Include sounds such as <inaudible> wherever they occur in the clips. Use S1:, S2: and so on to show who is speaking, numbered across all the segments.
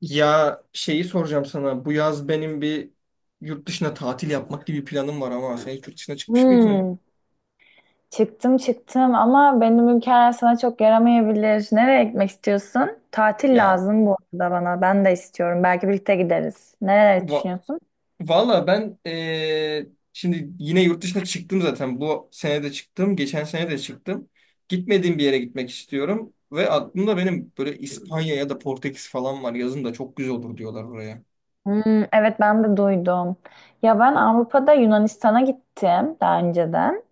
S1: Ya şeyi soracağım sana. Bu yaz benim bir yurt dışına tatil yapmak gibi bir planım var ama sen hiç yurt dışına çıkmış mıydın?
S2: Hmm, çıktım ama benim ülkeler sana çok yaramayabilir. Nereye gitmek istiyorsun? Tatil
S1: Ya
S2: lazım bu arada bana. Ben de istiyorum. Belki birlikte gideriz. Nereleri
S1: va
S2: düşünüyorsun?
S1: valla ben şimdi yine yurt dışına çıktım zaten. Bu sene de çıktım. Geçen sene de çıktım. Gitmediğim bir yere gitmek istiyorum. Ve aklımda benim böyle İspanya ya da Portekiz falan var. Yazın da çok güzel olur diyorlar oraya.
S2: Hmm, evet ben de duydum. Ya ben Avrupa'da Yunanistan'a gittim daha önceden.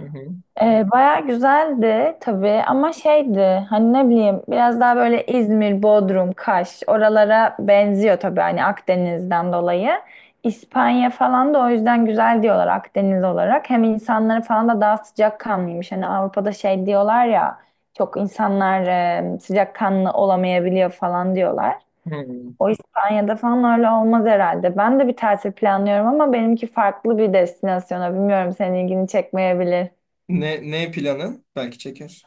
S1: Hı hı.
S2: Baya güzeldi tabii ama şeydi hani ne bileyim biraz daha böyle İzmir, Bodrum, Kaş oralara benziyor tabii hani Akdeniz'den dolayı. İspanya falan da o yüzden güzel diyorlar Akdeniz olarak. Hem insanları falan da daha sıcakkanlıymış. Hani Avrupa'da şey diyorlar ya çok insanlar sıcakkanlı olamayabiliyor falan diyorlar.
S1: Hı.
S2: O İspanya'da falan öyle olmaz herhalde. Ben de bir tatil planlıyorum ama benimki farklı bir destinasyona. Bilmiyorum senin ilgini çekmeyebilir.
S1: Ne planın? Belki çeker.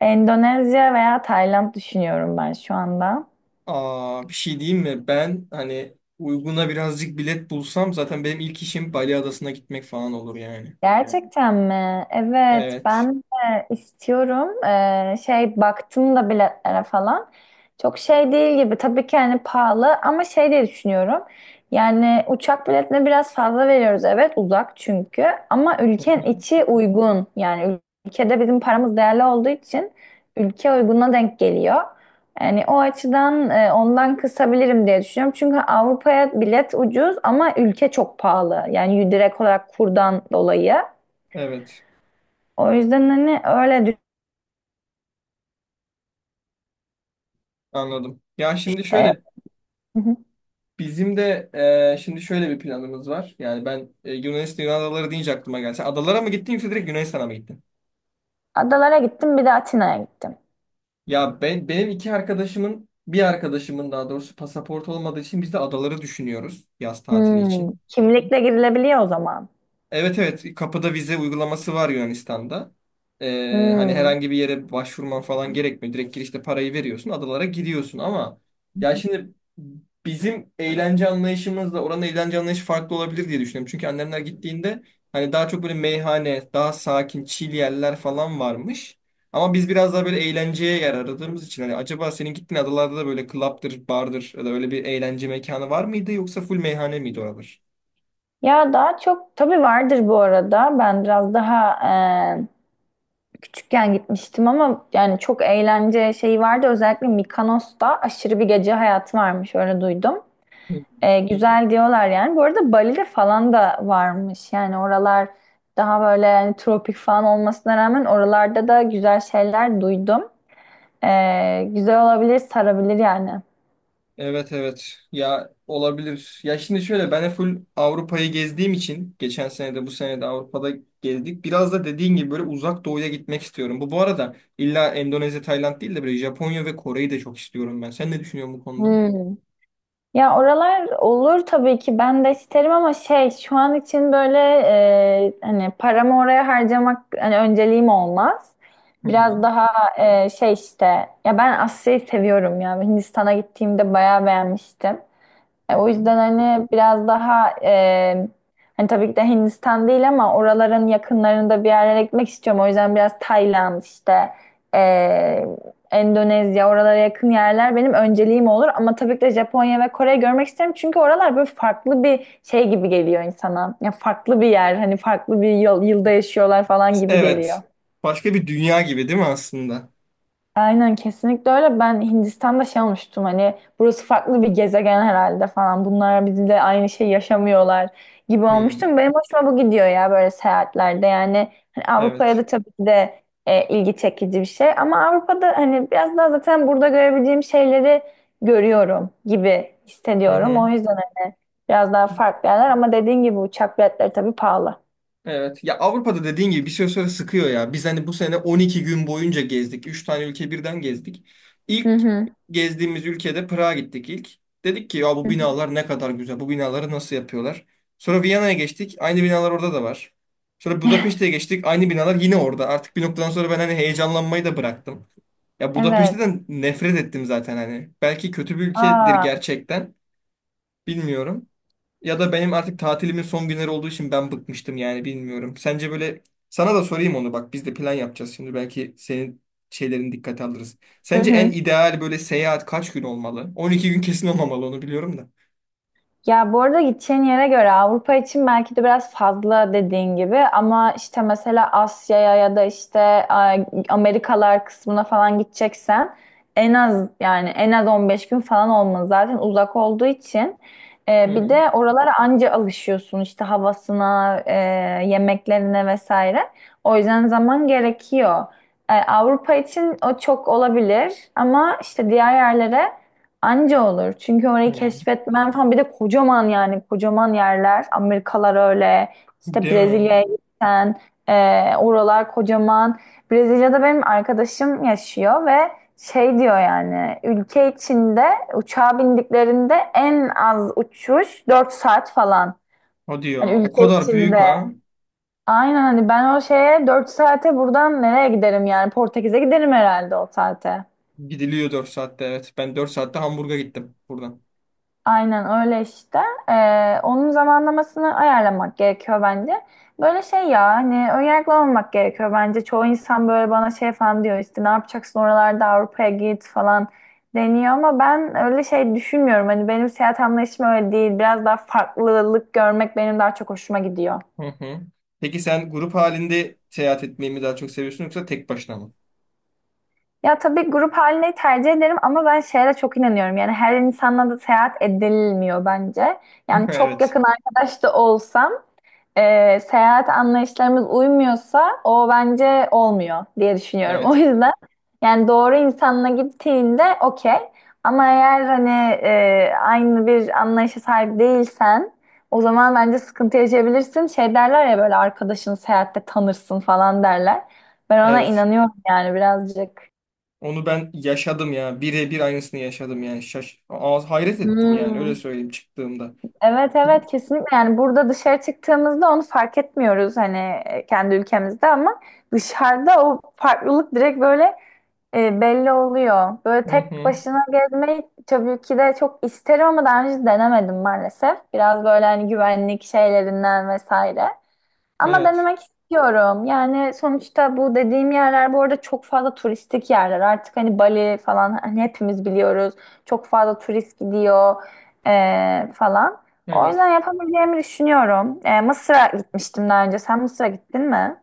S2: Endonezya veya Tayland düşünüyorum ben şu anda. Evet.
S1: Aa, bir şey diyeyim mi? Ben hani uyguna birazcık bilet bulsam zaten benim ilk işim Bali Adası'na gitmek falan olur yani.
S2: Gerçekten mi? Evet,
S1: Evet.
S2: ben de istiyorum. Şey baktım da biletlere falan. Çok şey değil gibi. Tabii ki hani pahalı ama şey diye düşünüyorum. Yani uçak biletine biraz fazla veriyoruz. Evet, uzak çünkü. Ama ülkenin
S1: <laughs>
S2: içi uygun. Yani ülkede bizim paramız değerli olduğu için ülke uyguna denk geliyor. Yani o açıdan ondan kısabilirim diye düşünüyorum. Çünkü Avrupa'ya bilet ucuz ama ülke çok pahalı. Yani direkt olarak kurdan dolayı.
S1: Evet,
S2: O yüzden hani öyle düşün.
S1: anladım. Ya şimdi
S2: E,
S1: şöyle
S2: Hı hı.
S1: bizim de şimdi şöyle bir planımız var. Yani ben Yunanistan Yunan adaları deyince aklıma geldi. Sen adalara mı gittin yoksa direkt Yunanistan'a mı gittin?
S2: Adalara gittim bir de Atina'ya gittim.
S1: Ya ben benim iki arkadaşımın bir arkadaşımın daha doğrusu pasaport olmadığı için biz de adaları düşünüyoruz yaz tatili
S2: Hmm,
S1: için.
S2: kimlikle girilebiliyor o zaman.
S1: Evet evet, kapıda vize uygulaması var Yunanistan'da. Hani
S2: Hmm.
S1: herhangi bir yere başvurman falan gerekmiyor. Direkt girişte parayı veriyorsun, adalara gidiyorsun ama ya şimdi bizim eğlence anlayışımızla oranın eğlence anlayışı farklı olabilir diye düşünüyorum. Çünkü annemler gittiğinde hani daha çok böyle meyhane, daha sakin, chill yerler falan varmış. Ama biz biraz daha böyle eğlenceye yer aradığımız için hani acaba senin gittiğin adalarda da böyle club'dır, bar'dır ya da öyle bir eğlence mekanı var mıydı yoksa full meyhane miydi oralar?
S2: Ya daha çok tabii vardır bu arada. Ben biraz daha e, küçükken gitmiştim ama yani çok eğlence şeyi vardı. Özellikle Mikonos'ta aşırı bir gece hayatı varmış öyle duydum. Güzel diyorlar yani. Bu arada Bali'de falan da varmış. Yani oralar daha böyle yani tropik falan olmasına rağmen oralarda da güzel şeyler duydum. Güzel olabilir, sarabilir yani.
S1: Evet evet, ya olabilir. Ya şimdi şöyle ben de full Avrupa'yı gezdiğim için geçen sene de bu sene de Avrupa'da gezdik. Biraz da dediğin gibi böyle uzak doğuya gitmek istiyorum. Bu arada illa Endonezya, Tayland değil de böyle Japonya ve Kore'yi de çok istiyorum ben. Sen ne düşünüyorsun bu konuda?
S2: Hmm. Ya oralar olur tabii ki ben de isterim ama şey şu an için böyle hani paramı oraya harcamak hani önceliğim olmaz.
S1: Hı
S2: Biraz
S1: hı,
S2: daha şey işte ya ben Asya'yı seviyorum ya. Hindistan'a gittiğimde bayağı beğenmiştim.
S1: hı
S2: O
S1: hı.
S2: yüzden hani biraz daha hani tabii ki de Hindistan değil ama oraların yakınlarında bir yerlere gitmek istiyorum. O yüzden biraz Tayland işte e, Endonezya oralara yakın yerler benim önceliğim olur. Ama tabii ki de Japonya ve Kore'yi görmek isterim. Çünkü oralar böyle farklı bir şey gibi geliyor insana. Ya farklı bir yer hani farklı bir yıl, yılda yaşıyorlar falan gibi
S1: Evet.
S2: geliyor.
S1: Başka bir dünya gibi değil mi aslında?
S2: Aynen kesinlikle öyle. Ben Hindistan'da şey olmuştum hani burası farklı bir gezegen herhalde falan. Bunlar bizimle aynı şey yaşamıyorlar gibi
S1: Hmm,
S2: olmuştum. Benim hoşuma bu gidiyor ya böyle seyahatlerde. Yani hani Avrupa'ya
S1: evet.
S2: da tabii ki de ilgi çekici bir şey. Ama Avrupa'da hani biraz daha zaten burada görebileceğim şeyleri görüyorum gibi
S1: Hı
S2: hissediyorum. O
S1: hı.
S2: yüzden hani biraz daha farklı yerler ama dediğin gibi uçak biletleri tabii pahalı.
S1: Evet. Ya Avrupa'da dediğin gibi bir süre sonra sıkıyor ya. Biz hani bu sene 12 gün boyunca gezdik. Üç tane ülke birden gezdik.
S2: Hı
S1: İlk
S2: hı.
S1: gezdiğimiz ülkede Prag'a gittik ilk. Dedik ki ya bu
S2: Hı hı.
S1: binalar ne kadar güzel. Bu binaları nasıl yapıyorlar? Sonra Viyana'ya geçtik. Aynı binalar orada da var. Sonra Budapeşte'ye geçtik. Aynı binalar yine orada. Artık bir noktadan sonra ben hani heyecanlanmayı da bıraktım. Ya
S2: Evet.
S1: Budapeşte'den nefret ettim zaten hani. Belki kötü bir ülkedir
S2: Aa.
S1: gerçekten. Bilmiyorum. Ya da benim artık tatilimin son günleri olduğu için ben bıkmıştım yani bilmiyorum. Sence böyle sana da sorayım onu bak, biz de plan yapacağız şimdi belki senin şeylerini dikkate alırız.
S2: Hı
S1: Sence en
S2: hı.
S1: ideal böyle seyahat kaç gün olmalı? 12 gün kesin olmamalı onu biliyorum da.
S2: Ya bu arada gideceğin yere göre Avrupa için belki de biraz fazla dediğin gibi ama işte mesela Asya'ya ya da işte Amerikalar kısmına falan gideceksen en az yani en az 15 gün falan olmalı zaten uzak olduğu için.
S1: Hı
S2: Bir
S1: hı.
S2: de oralara anca alışıyorsun işte havasına, yemeklerine vesaire. O yüzden zaman gerekiyor. Avrupa için o çok olabilir ama işte diğer yerlere anca olur. Çünkü orayı
S1: Hı.
S2: keşfetmen falan bir de kocaman yani kocaman yerler. Amerikalar öyle. İşte
S1: Değil mi?
S2: Brezilya'ya gitsen oralar kocaman. Brezilya'da benim arkadaşım yaşıyor ve şey diyor yani ülke içinde uçağa bindiklerinde en az uçuş 4 saat falan.
S1: Hadi
S2: Hani
S1: ya, o
S2: ülke
S1: kadar büyük
S2: içinde.
S1: ha.
S2: Aynen hani ben o şeye 4 saate buradan nereye giderim yani Portekiz'e giderim herhalde o saate.
S1: Gidiliyor 4 saatte, evet. Ben 4 saatte Hamburg'a gittim buradan.
S2: Aynen öyle işte. Onun zamanlamasını ayarlamak gerekiyor bence. Böyle şey ya hani önyargılı olmak gerekiyor bence. Çoğu insan böyle bana şey falan diyor işte ne yapacaksın oralarda Avrupa'ya git falan deniyor ama ben öyle şey düşünmüyorum. Hani benim seyahat anlayışım öyle değil. Biraz daha farklılık görmek benim daha çok hoşuma gidiyor.
S1: Hı hı. Peki sen grup halinde seyahat etmeyi mi daha çok seviyorsun yoksa tek başına mı?
S2: Ya tabii grup halini tercih ederim ama ben şeye de çok inanıyorum. Yani her insanla da seyahat edilmiyor bence.
S1: <laughs>
S2: Yani çok
S1: Evet.
S2: yakın arkadaş da olsam seyahat anlayışlarımız uymuyorsa o bence olmuyor diye düşünüyorum. <laughs> O
S1: Evet.
S2: yüzden yani doğru insanla gittiğinde okey. Ama eğer hani aynı bir anlayışa sahip değilsen o zaman bence sıkıntı yaşayabilirsin. Şey derler ya böyle arkadaşını seyahatte tanırsın falan derler. Ben ona
S1: Evet.
S2: inanıyorum yani birazcık.
S1: Onu ben yaşadım ya. Birebir aynısını yaşadım yani. Şaş Ağız hayret ettim yani öyle
S2: Hmm.
S1: söyleyeyim çıktığımda.
S2: Evet, evet, kesinlikle yani burada dışarı çıktığımızda onu fark etmiyoruz hani kendi ülkemizde ama dışarıda o farklılık direkt böyle belli oluyor. Böyle
S1: Hı
S2: tek
S1: hı.
S2: başına gezmeyi tabii ki de çok isterim ama daha önce denemedim maalesef. Biraz böyle hani güvenlik şeylerinden vesaire. Ama
S1: Evet.
S2: denemek istiyorum. Yani sonuçta bu dediğim yerler bu arada çok fazla turistik yerler. Artık hani Bali falan hani hepimiz biliyoruz. Çok fazla turist gidiyor falan. O yüzden
S1: Evet.
S2: yapabileceğimi düşünüyorum. Mısır'a gitmiştim daha önce. Sen Mısır'a gittin mi?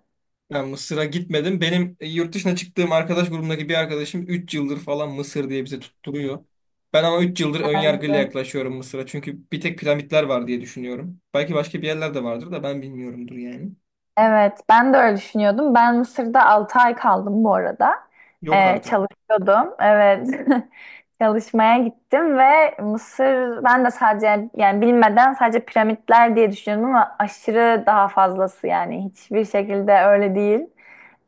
S1: Ben Mısır'a gitmedim. Benim yurt dışına çıktığım arkadaş grubundaki bir arkadaşım 3 yıldır falan Mısır diye bize tutturuyor. Ben ama 3 yıldır önyargıyla
S2: Bence.
S1: yaklaşıyorum Mısır'a. Çünkü bir tek piramitler var diye düşünüyorum. Belki başka bir yerler de vardır da ben bilmiyorumdur yani.
S2: Evet, ben de öyle düşünüyordum. Ben Mısır'da 6 ay kaldım bu arada.
S1: Yok artık.
S2: Çalışıyordum. Evet. <laughs> Çalışmaya gittim ve Mısır ben de sadece yani bilmeden sadece piramitler diye düşünüyordum ama aşırı daha fazlası yani hiçbir şekilde öyle değil.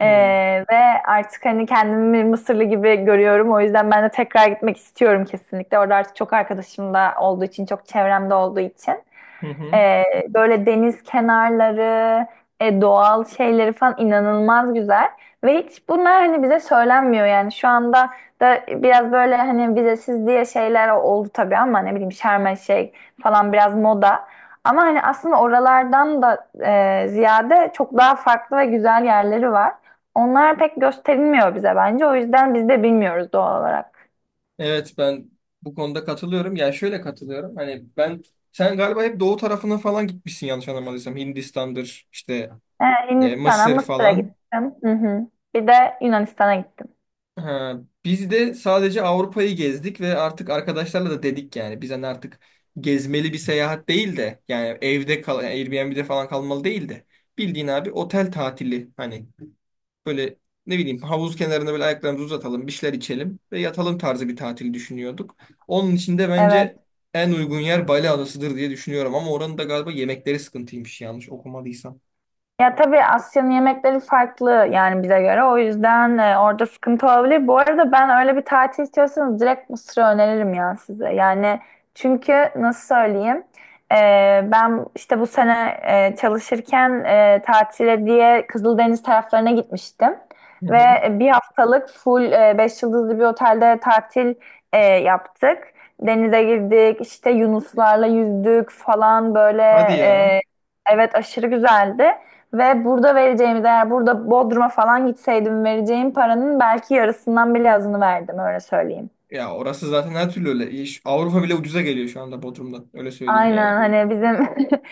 S2: Ee,
S1: Hı
S2: ve artık hani kendimi bir Mısırlı gibi görüyorum. O yüzden ben de tekrar gitmek istiyorum kesinlikle. Orada artık çok arkadaşım da olduğu için, çok çevremde olduğu için.
S1: hı. Hı.
S2: Ee, böyle deniz kenarları, doğal şeyleri falan inanılmaz güzel. Ve hiç bunlar hani bize söylenmiyor yani şu anda da biraz böyle hani vizesiz diye şeyler oldu tabii ama ne bileyim Şarm şey falan biraz moda. Ama hani aslında oralardan da ziyade çok daha farklı ve güzel yerleri var. Onlar pek gösterilmiyor bize bence. O yüzden biz de bilmiyoruz doğal olarak.
S1: Evet, ben bu konuda katılıyorum. Yani şöyle katılıyorum. Hani ben sen galiba hep doğu tarafına falan gitmişsin yanlış anlamadıysam. Hindistan'dır işte
S2: Ee, Hindistan'a,
S1: Mısır
S2: Mısır'a
S1: falan.
S2: gittim. Hı hı. Bir de Yunanistan'a gittim.
S1: Ha, biz de sadece Avrupa'yı gezdik ve artık arkadaşlarla da dedik yani. Biz hani artık gezmeli bir seyahat değil de yani evde kal yani Airbnb'de falan kalmalı değil de bildiğin abi otel tatili hani, böyle ne bileyim havuz kenarında böyle ayaklarımızı uzatalım, bir şeyler içelim ve yatalım tarzı bir tatil düşünüyorduk. Onun için de
S2: Evet.
S1: bence en uygun yer Bali Adası'dır diye düşünüyorum ama oranın da galiba yemekleri sıkıntıymış yanlış okumadıysam.
S2: Ya tabii Asya'nın yemekleri farklı yani bize göre. O yüzden orada sıkıntı olabilir. Bu arada ben öyle bir tatil istiyorsanız direkt Mısır'ı öneririm ya size. Yani çünkü nasıl söyleyeyim? E, ben işte bu sene çalışırken tatile diye Kızıldeniz taraflarına gitmiştim.
S1: Hı
S2: Ve
S1: hı.
S2: 1 haftalık full 5 yıldızlı bir otelde tatil yaptık. Denize girdik, işte yunuslarla yüzdük falan böyle.
S1: Hadi ya.
S2: e, evet aşırı güzeldi. Ve burada vereceğim değer burada Bodrum'a falan gitseydim vereceğim paranın belki yarısından bile azını verdim öyle söyleyeyim.
S1: Ya orası zaten her türlü öyle. Avrupa bile ucuza geliyor şu anda Bodrum'dan. Öyle söyleyeyim
S2: Aynen
S1: yani.
S2: hani bizim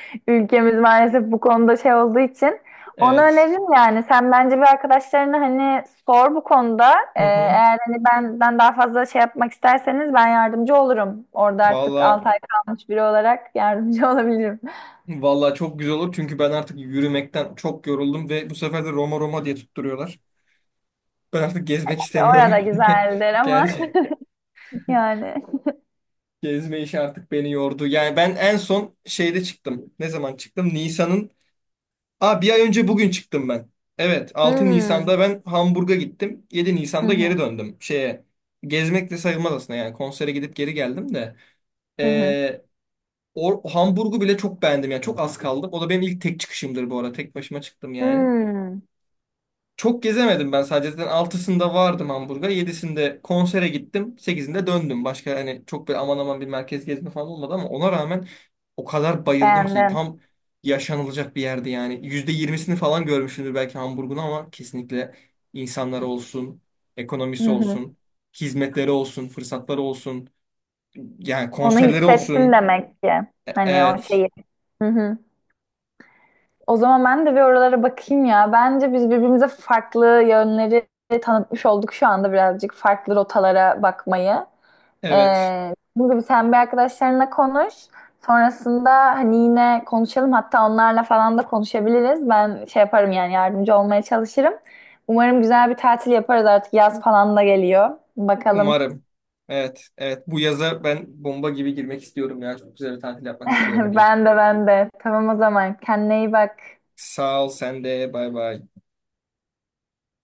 S2: <laughs> ülkemiz maalesef bu konuda şey olduğu için onu
S1: Evet.
S2: öneririm yani. Sen bence bir arkadaşlarına hani sor bu konuda.
S1: Hı hı.
S2: Eğer hani benden daha fazla şey yapmak isterseniz ben yardımcı olurum. Orada artık
S1: Valla
S2: 6 ay kalmış biri olarak yardımcı <laughs> olabilirim.
S1: valla, çok güzel olur çünkü ben artık yürümekten çok yoruldum ve bu sefer de Roma diye tutturuyorlar. Ben artık gezmek
S2: Orada
S1: istemiyorum.
S2: güzeldir
S1: <laughs>
S2: ama
S1: Gerçi
S2: <laughs> yani.
S1: gezme işi artık beni yordu. Yani ben en son şeyde çıktım. Ne zaman çıktım? Nisan'ın. Aa, bir ay önce bugün çıktım ben. Evet, altı
S2: Hmm.
S1: Nisan'da ben Hamburg'a gittim. Yedi
S2: Hı
S1: Nisan'da
S2: hı.
S1: geri döndüm. Şeye gezmek de sayılmaz aslında yani konsere gidip geri geldim de.
S2: Hı hı.
S1: Ee, O Hamburg'u bile çok beğendim yani çok az kaldım. O da benim ilk tek çıkışımdır bu arada. Tek başıma çıktım yani.
S2: Hmm.
S1: Çok gezemedim ben sadece. Zaten 6'sında vardım Hamburg'a. 7'sinde konsere gittim. 8'inde döndüm. Başka hani çok böyle aman aman bir merkez gezme falan olmadı ama ona rağmen o kadar bayıldım ki
S2: Beğendin.
S1: tam yaşanılacak bir yerdi yani. %20'sini falan görmüşsündür belki Hamburg'un ama kesinlikle insanları olsun,
S2: Hı
S1: ekonomisi
S2: hı.
S1: olsun, hizmetleri olsun, fırsatları olsun, yani
S2: Onu
S1: konserleri
S2: hissettin
S1: olsun.
S2: demek ki. Hani o
S1: Evet.
S2: şeyi. Hı hı. O zaman ben de bir oralara bakayım ya. Bence biz birbirimize farklı yönleri tanıtmış olduk şu anda birazcık farklı rotalara bakmayı.
S1: Evet.
S2: Dediğim gibi sen bir arkadaşlarınla konuş. Sonrasında hani yine konuşalım. Hatta onlarla falan da konuşabiliriz. Ben şey yaparım yani yardımcı olmaya çalışırım. Umarım güzel bir tatil yaparız artık. Yaz falan da geliyor. Bakalım.
S1: Umarım. Evet. Evet. Bu yaza ben bomba gibi girmek istiyorum ya. Çok güzel bir tatil yapmak istiyorum
S2: <laughs>
S1: diyeyim.
S2: Ben de ben de. Tamam o zaman. Kendine iyi bak.
S1: Sağ ol, sen de. Bay bay.